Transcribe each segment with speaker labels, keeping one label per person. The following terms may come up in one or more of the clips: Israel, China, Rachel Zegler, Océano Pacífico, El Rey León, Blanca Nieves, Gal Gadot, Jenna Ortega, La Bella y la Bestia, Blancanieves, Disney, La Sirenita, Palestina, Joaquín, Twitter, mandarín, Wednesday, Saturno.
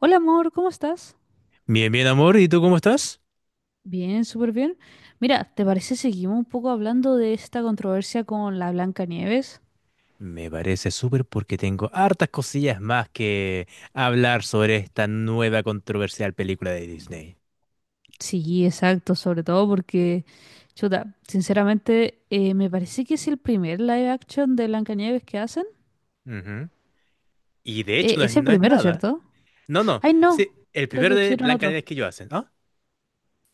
Speaker 1: Hola amor, ¿cómo estás?
Speaker 2: Bien, bien, amor. ¿Y tú cómo estás?
Speaker 1: Bien, súper bien. Mira, ¿te parece seguimos un poco hablando de esta controversia con la Blanca Nieves?
Speaker 2: Me parece súper porque tengo hartas cosillas más que hablar sobre esta nueva controversial película de Disney.
Speaker 1: Sí, exacto, sobre todo porque, chuta, sinceramente me parece que es el primer live action de Blanca Nieves que hacen.
Speaker 2: Ujú. Y de hecho no es,
Speaker 1: Es el
Speaker 2: no es
Speaker 1: primero,
Speaker 2: nada.
Speaker 1: ¿cierto?
Speaker 2: No, no.
Speaker 1: Ay, no,
Speaker 2: Sí, el
Speaker 1: creo
Speaker 2: primero
Speaker 1: que
Speaker 2: de
Speaker 1: hicieron otro.
Speaker 2: Blancanieves que yo hacen, ¿no?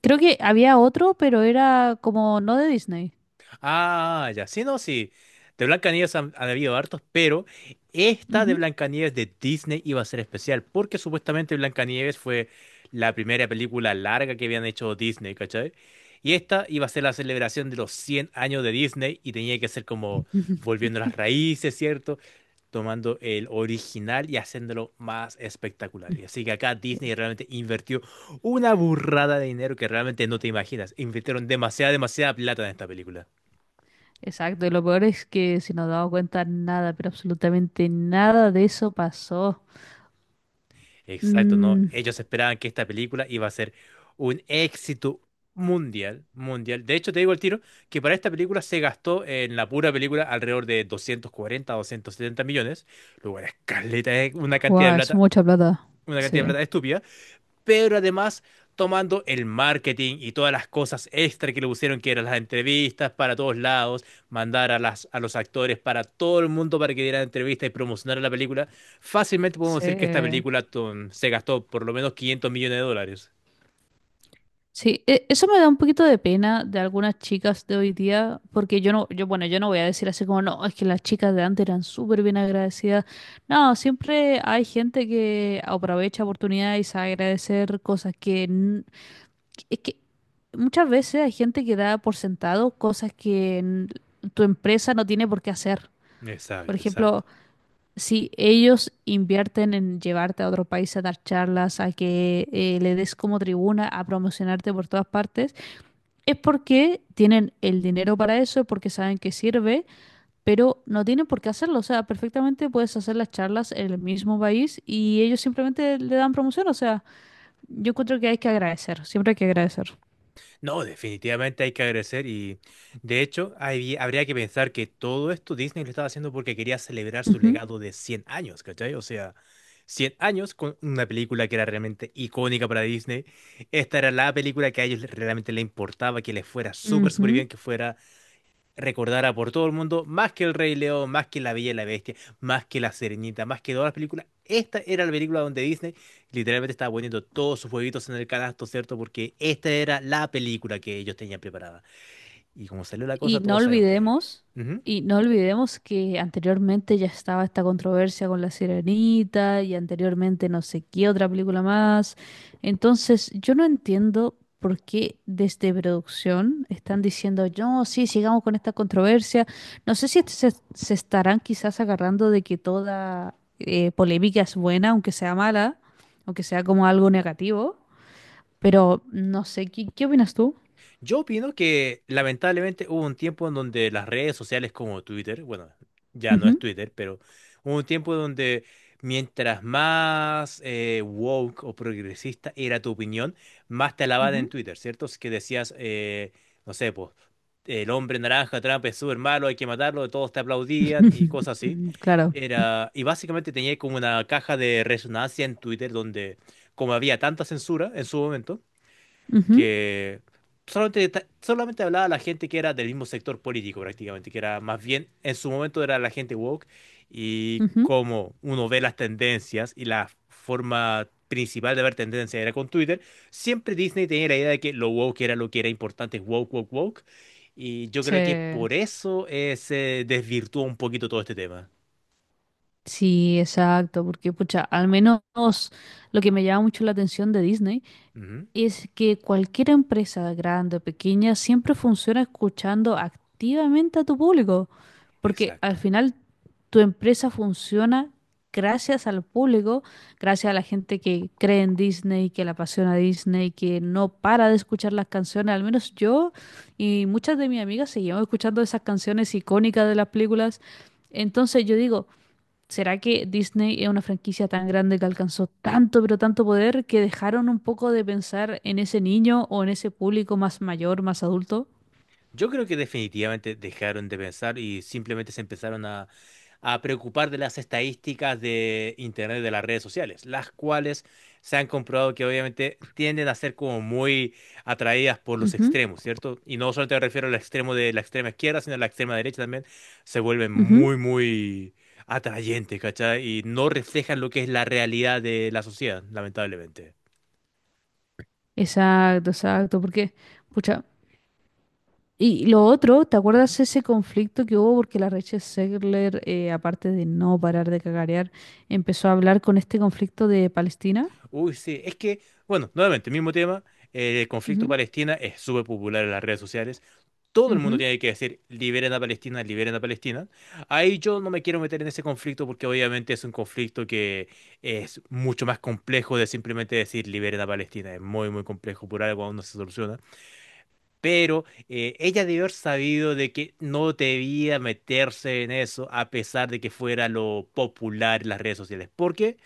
Speaker 1: Creo que había otro, pero era como no de Disney.
Speaker 2: Ah, ya, sí, no, sí. De Blancanieves han habido hartos, pero esta de
Speaker 1: Ujú.
Speaker 2: Blancanieves de Disney iba a ser especial, porque supuestamente Blancanieves fue la primera película larga que habían hecho Disney, ¿cachai? Y esta iba a ser la celebración de los 100 años de Disney y tenía que ser como volviendo a las raíces, ¿cierto? Tomando el original y haciéndolo más espectacular. Y así que acá Disney realmente invirtió una burrada de dinero que realmente no te imaginas. Invirtieron demasiada, demasiada plata en esta película.
Speaker 1: Exacto, y lo peor es que si nos damos cuenta, nada, pero absolutamente nada de eso pasó.
Speaker 2: Exacto, ¿no?
Speaker 1: Mm,
Speaker 2: Ellos esperaban que esta película iba a ser un éxito mundial, mundial. De hecho, te digo el tiro que para esta película se gastó en la pura película alrededor de 240, a 270 millones, lo cual es caleta, es una cantidad
Speaker 1: wow,
Speaker 2: de
Speaker 1: es
Speaker 2: plata,
Speaker 1: mucha plata.
Speaker 2: una cantidad de
Speaker 1: Sí,
Speaker 2: plata estúpida, pero además tomando el marketing y todas las cosas extra que le pusieron, que eran las entrevistas para todos lados, mandar a los actores para todo el mundo para que dieran entrevistas y promocionaran la película, fácilmente podemos decir que esta
Speaker 1: sí.
Speaker 2: película se gastó por lo menos 500 millones de dólares.
Speaker 1: Sí, eso me da un poquito de pena de algunas chicas de hoy día, porque yo no, yo, bueno, yo no voy a decir así como, no, es que las chicas de antes eran súper bien agradecidas. No, siempre hay gente que aprovecha oportunidades a agradecer cosas que es que muchas veces hay gente que da por sentado cosas que tu empresa no tiene por qué hacer. Por
Speaker 2: Exacto, exacto.
Speaker 1: ejemplo, si ellos invierten en llevarte a otro país a dar charlas, a que le des como tribuna, a promocionarte por todas partes, es porque tienen el dinero para eso, porque saben que sirve, pero no tienen por qué hacerlo. O sea, perfectamente puedes hacer las charlas en el mismo país y ellos simplemente le dan promoción. O sea, yo encuentro que hay que agradecer, siempre hay que agradecer.
Speaker 2: No, definitivamente hay que agradecer y de hecho habría que pensar que todo esto Disney lo estaba haciendo porque quería celebrar su
Speaker 1: Ujú,
Speaker 2: legado de 100 años, ¿cachai? O sea, 100 años con una película que era realmente icónica para Disney. Esta era la película que a ellos realmente les importaba, que les fuera súper, súper
Speaker 1: ujú.
Speaker 2: bien, que fuera recordada por todo el mundo, más que El Rey León, más que La Bella y la Bestia, más que La Sirenita, más que todas las películas. Esta era la película donde Disney literalmente estaba poniendo todos sus huevitos en el canasto, ¿cierto? Porque esta era la película que ellos tenían preparada. Y como salió la cosa,
Speaker 1: Y no
Speaker 2: todos sabemos que...
Speaker 1: olvidemos,
Speaker 2: Ujú.
Speaker 1: y no olvidemos que anteriormente ya estaba esta controversia con La Sirenita y anteriormente no sé qué otra película más. Entonces, yo no entiendo por qué desde producción están diciendo, no, sí, sigamos con esta controversia. No sé si se estarán quizás agarrando de que toda polémica es buena, aunque sea mala, aunque sea como algo negativo, pero no sé, ¿qué opinas tú?
Speaker 2: Yo opino que lamentablemente hubo un tiempo en donde las redes sociales como Twitter, bueno, ya no es
Speaker 1: Ujú,
Speaker 2: Twitter, pero hubo un tiempo donde mientras más woke o progresista era tu opinión, más te alababan en
Speaker 1: ujú.
Speaker 2: Twitter, ¿cierto? Es que decías, no sé, pues, el hombre naranja, Trump es súper malo, hay que matarlo, todos te aplaudían y cosas así.
Speaker 1: Claro.
Speaker 2: Era, y básicamente tenía como una caja de resonancia en Twitter donde, como había tanta censura en su momento,
Speaker 1: Ujú,
Speaker 2: que solamente, solamente hablaba a la gente que era del mismo sector político prácticamente, que era más bien, en su momento era la gente woke, y
Speaker 1: ujú.
Speaker 2: como uno ve las tendencias y la forma principal de ver tendencias era con Twitter, siempre Disney tenía la idea de que lo woke era lo que era importante, woke, woke, woke, y yo
Speaker 1: Sí,
Speaker 2: creo que por eso se desvirtuó un poquito todo este tema.
Speaker 1: sí, exacto, porque pucha, al menos lo que me llama mucho la atención de Disney
Speaker 2: Ujú.
Speaker 1: es que cualquier empresa, grande o pequeña, siempre funciona escuchando activamente a tu público, porque al
Speaker 2: Exacto.
Speaker 1: final tu empresa funciona gracias al público, gracias a la gente que cree en Disney, que le apasiona Disney, que no para de escuchar las canciones, al menos yo y muchas de mis amigas seguimos escuchando esas canciones icónicas de las películas. Entonces yo digo, ¿será que Disney es una franquicia tan grande que alcanzó tanto, pero tanto poder que dejaron un poco de pensar en ese niño o en ese público más mayor, más adulto?
Speaker 2: Yo creo que definitivamente dejaron de pensar y simplemente se empezaron a, preocupar de las estadísticas de Internet, de las redes sociales, las cuales se han comprobado que obviamente tienden a ser como muy atraídas por los
Speaker 1: Ujú,
Speaker 2: extremos, ¿cierto? Y no solamente me refiero al extremo de la extrema izquierda, sino a la extrema derecha también, se vuelven
Speaker 1: ujú.
Speaker 2: muy, muy atrayentes, ¿cachai? Y no reflejan lo que es la realidad de la sociedad, lamentablemente.
Speaker 1: Exacto, exacto, porque, pucha, y lo otro, ¿te acuerdas ese conflicto que hubo porque la Rachel Zegler, aparte de no parar de cagarear, empezó a hablar con este conflicto de Palestina?
Speaker 2: Uy, sí, es que, bueno, nuevamente, mismo tema, el conflicto
Speaker 1: Ujú,
Speaker 2: Palestina es súper popular en las redes sociales. Todo el mundo
Speaker 1: ujú,
Speaker 2: tiene que decir, liberen a Palestina, liberen a Palestina. Ahí yo no me quiero meter en ese conflicto porque obviamente es un conflicto que es mucho más complejo de simplemente decir, liberen a Palestina. Es muy, muy complejo, por algo aún no se soluciona. Pero ella debió haber sabido de que no debía meterse en eso a pesar de que fuera lo popular en las redes sociales. ¿Por qué?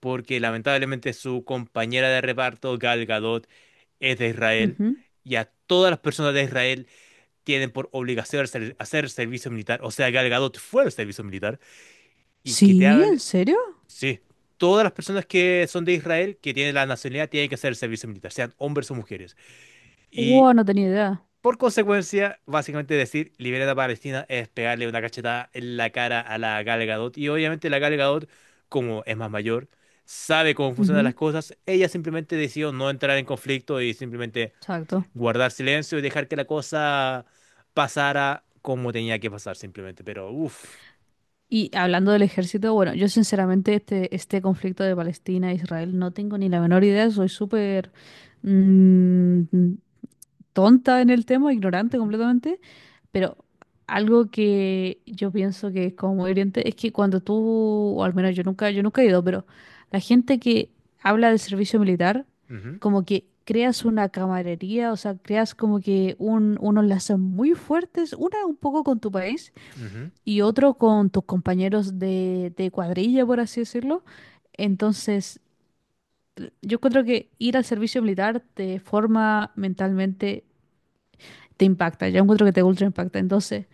Speaker 2: Porque lamentablemente su compañera de reparto, Gal Gadot, es de Israel
Speaker 1: ujú.
Speaker 2: y a todas las personas de Israel tienen por obligación hacer servicio militar. O sea, Gal Gadot fue al servicio militar y que te
Speaker 1: Sí, ¿en
Speaker 2: hable,
Speaker 1: serio?
Speaker 2: sí, todas las personas que son de Israel, que tienen la nacionalidad, tienen que hacer servicio militar, sean hombres o mujeres. Y
Speaker 1: Wow, no tenía idea.
Speaker 2: por consecuencia, básicamente decir libera a Palestina es pegarle una cachetada en la cara a la Gal Gadot. Y obviamente la Gal Gadot, como es más mayor, sabe cómo funcionan
Speaker 1: Ujú,
Speaker 2: las cosas. Ella simplemente decidió no entrar en conflicto y simplemente
Speaker 1: exacto.
Speaker 2: guardar silencio y dejar que la cosa pasara como tenía que pasar simplemente. Pero uff.
Speaker 1: Y hablando del ejército, bueno, yo sinceramente este conflicto de Palestina e Israel no tengo ni la menor idea, soy súper mm, tonta en el tema, ignorante
Speaker 2: Ujú,
Speaker 1: completamente, pero algo que yo pienso que es como muy hiriente es que cuando tú, o al menos yo nunca he ido, pero la gente que habla del servicio militar,
Speaker 2: ujú,
Speaker 1: como que creas una camaradería, o sea, creas como que unos lazos muy fuertes, una un poco con tu país y otro con tus compañeros de cuadrilla, por así decirlo. Entonces, yo encuentro que ir al servicio militar te forma mentalmente, te impacta. Yo encuentro que te ultra impacta. Entonces,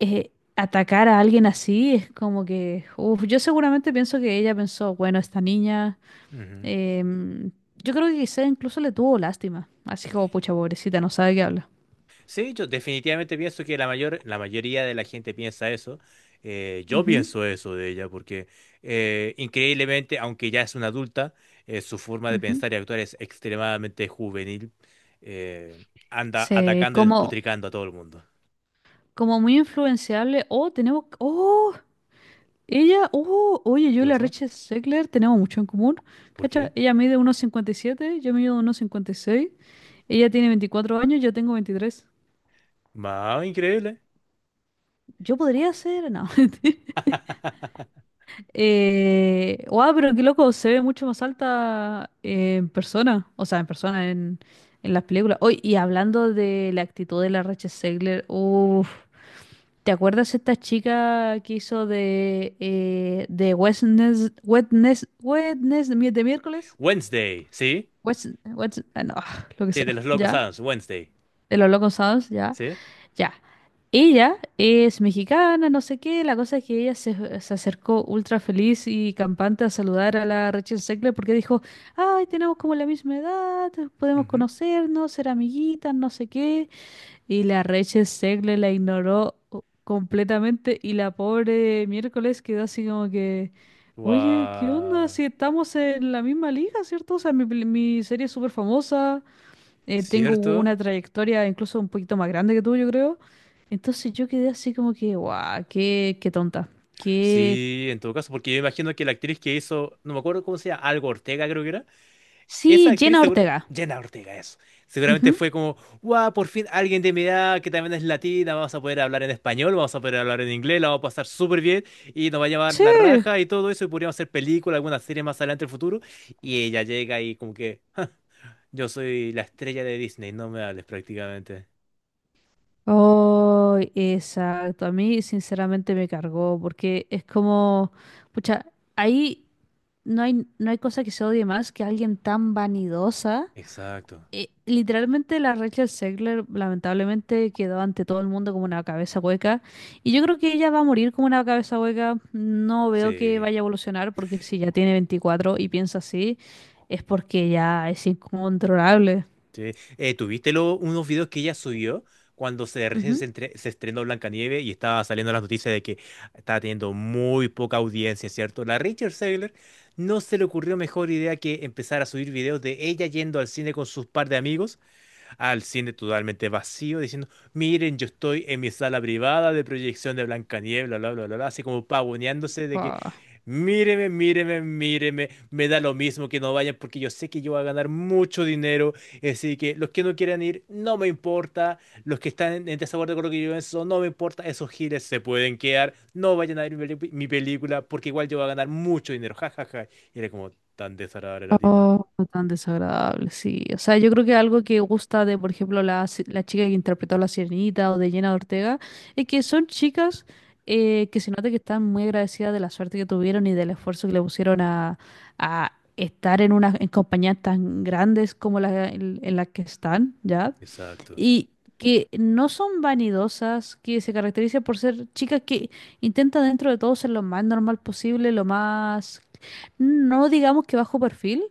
Speaker 1: atacar a alguien así es como que, uf, yo seguramente pienso que ella pensó, bueno, esta niña,
Speaker 2: ujú, ujú.
Speaker 1: em, yo creo que quizá incluso le tuvo lástima. Así como, pucha, pobrecita, no sabe qué habla.
Speaker 2: Sí, yo definitivamente pienso que la mayoría de la gente piensa eso. Yo
Speaker 1: Ujú,
Speaker 2: pienso eso de ella, porque increíblemente, aunque ya es una adulta, su forma de
Speaker 1: ujú.
Speaker 2: pensar y actuar es extremadamente juvenil. Anda
Speaker 1: Se,
Speaker 2: atacando y
Speaker 1: como,
Speaker 2: despotricando a todo el mundo.
Speaker 1: como muy influenciable. Oh, tenemos, oh, ella, oh, oye, yo
Speaker 2: ¿Qué
Speaker 1: y la
Speaker 2: pasó?
Speaker 1: Rachel Zegler tenemos mucho en común,
Speaker 2: ¿Por
Speaker 1: ¿cacha?
Speaker 2: qué?
Speaker 1: Ella mide 1,57, yo mido 1,56. Ella tiene 24 años, yo tengo 23.
Speaker 2: Más increíble.
Speaker 1: Yo podría ser, no. Wow, pero qué loco, se ve mucho más alta en persona, o sea, en persona, en las películas. Hoy y hablando de la actitud de la Rachel Zegler, uff, ¿te acuerdas esta chica que hizo de Wednesday, de miércoles?
Speaker 2: Wednesday, ¿sí?
Speaker 1: What's, what's- ah, no, lo que
Speaker 2: Sí, de
Speaker 1: sea,
Speaker 2: los Locos
Speaker 1: ya,
Speaker 2: Adams, Wednesday,
Speaker 1: de los Locos Sounds, ya,
Speaker 2: ¿sí?
Speaker 1: ya. Ella es mexicana, no sé qué, la cosa es que se acercó ultra feliz y campante a saludar a la Rachel Zegler porque dijo, ay, tenemos como la misma edad, podemos
Speaker 2: Ujú.
Speaker 1: conocernos, ser amiguitas, no sé qué. Y la Rachel Zegler la ignoró completamente y la pobre miércoles quedó así como que, oye, ¿qué onda?
Speaker 2: Guau,
Speaker 1: Si estamos en la misma liga, ¿cierto? O sea, mi serie es súper famosa, tengo
Speaker 2: ¿cierto?
Speaker 1: una trayectoria incluso un poquito más grande que tú, yo creo. Entonces yo quedé así como que, guau, qué tonta. Qué...
Speaker 2: Sí, en todo caso, porque yo imagino que la actriz que hizo, no me acuerdo cómo se llama, Algo Ortega creo que era, esa
Speaker 1: Sí,
Speaker 2: actriz
Speaker 1: Jenna
Speaker 2: segura,
Speaker 1: Ortega.
Speaker 2: Jenna Ortega eso, seguramente
Speaker 1: Ujú.
Speaker 2: fue como, guau, por fin alguien de mi edad que también es latina, vamos a poder hablar en español, vamos a poder hablar en inglés, la vamos a pasar súper bien y nos va a llevar la
Speaker 1: Sí.
Speaker 2: raja y todo eso y podríamos hacer película, alguna serie más adelante en el futuro y ella llega y como que yo soy la estrella de Disney, no me hables prácticamente.
Speaker 1: Oh, exacto. A mí sinceramente me cargó porque es como, pucha, ahí no hay cosa que se odie más que alguien tan vanidosa.
Speaker 2: Exacto,
Speaker 1: Literalmente la Rachel Zegler lamentablemente quedó ante todo el mundo como una cabeza hueca y yo creo que ella va a morir como una cabeza hueca. No veo que
Speaker 2: sí.
Speaker 1: vaya a evolucionar porque si ya tiene 24 y piensa así es porque ya es incontrolable.
Speaker 2: Sí. ¿Tuviste unos videos que ella subió cuando se, recién se,
Speaker 1: Ujú.
Speaker 2: entre- se estrenó Blancanieves y estaba saliendo las noticias de que estaba teniendo muy poca audiencia, ¿cierto? La Rachel Zegler no se le ocurrió mejor idea que empezar a subir videos de ella yendo al cine con sus par de amigos al cine totalmente vacío, diciendo, miren, yo estoy en mi sala privada de proyección de Blancanieves, bla, bla, bla, bla, bla", así como pavoneándose de que, míreme, míreme, míreme, me da lo mismo que no vayan porque yo sé que yo voy a ganar mucho dinero, así que los que no quieran ir, no me importa, los que están en desacuerdo con lo que yo pienso, no me importa, esos giles se pueden quedar, no vayan a ver mi película porque igual yo voy a ganar mucho dinero, jajaja. Y era como tan desagradable la tipa.
Speaker 1: Oh, no tan desagradable, sí. O sea, yo creo que algo que gusta de, por ejemplo, la, si- la chica que interpretó a La Sirenita o de Jenna Ortega, es que son chicas que se nota que están muy agradecidas de la suerte que tuvieron y del esfuerzo que le pusieron a estar en unas en compañías tan grandes como en las que están, ¿ya?
Speaker 2: Exacto.
Speaker 1: Y que no son vanidosas, que se caracterizan por ser chicas que intentan dentro de todo ser lo más normal posible, lo más, no digamos que bajo perfil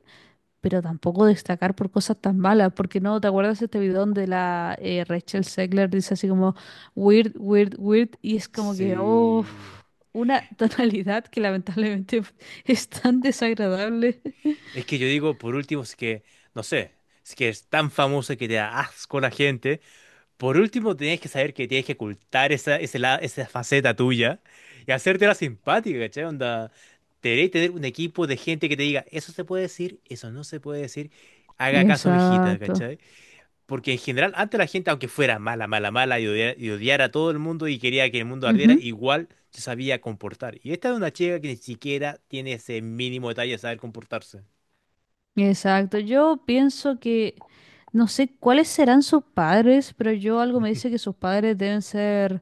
Speaker 1: pero tampoco destacar por cosas tan malas, porque no, ¿te acuerdas este video donde la Rachel Zegler dice así como weird, weird, weird? Y es como que, oh,
Speaker 2: Sí.
Speaker 1: una tonalidad que lamentablemente es tan desagradable.
Speaker 2: Es que yo digo, por último, si es que, no sé, si es que es tan famoso que te da asco la gente. Por último, tienes que saber que tienes que ocultar esa faceta tuya y hacértela simpática, ¿cachai? Onda, deberías tener un equipo de gente que te diga, eso se puede decir, eso no se puede decir, haga caso, mijita,
Speaker 1: Exacto.
Speaker 2: ¿cachai? Porque en general, antes la gente, aunque fuera mala, mala, mala y y odiara, a todo el mundo y quería que el mundo ardiera,
Speaker 1: Ujú.
Speaker 2: igual se sabía comportar. Y esta es una chica que ni siquiera tiene ese mínimo detalle de saber comportarse.
Speaker 1: Exacto. Yo pienso que, no sé cuáles serán sus padres, pero yo algo me dice que sus padres deben ser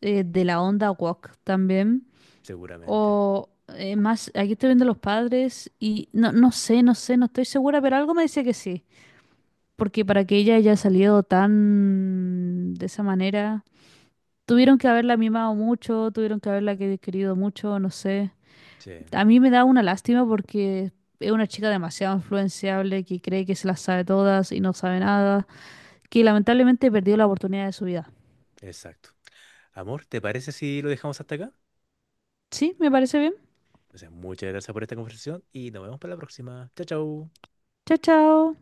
Speaker 1: de la onda woke también.
Speaker 2: Seguramente.
Speaker 1: O aquí estoy viendo los padres y no, no sé, no sé, no estoy segura, pero algo me dice que sí. Porque para que ella haya salido tan de esa manera, tuvieron que haberla mimado mucho, tuvieron que haberla querido mucho, no sé.
Speaker 2: Sí,
Speaker 1: A mí me da una lástima porque es una chica demasiado influenciable que cree que se las sabe todas y no sabe nada, que lamentablemente perdió la oportunidad de su vida.
Speaker 2: exacto. Amor, ¿te parece si lo dejamos hasta acá?
Speaker 1: ¿Sí? ¿Me parece bien?
Speaker 2: Entonces, muchas gracias por esta conversación y nos vemos para la próxima. Chao, chao.
Speaker 1: Chao, chao.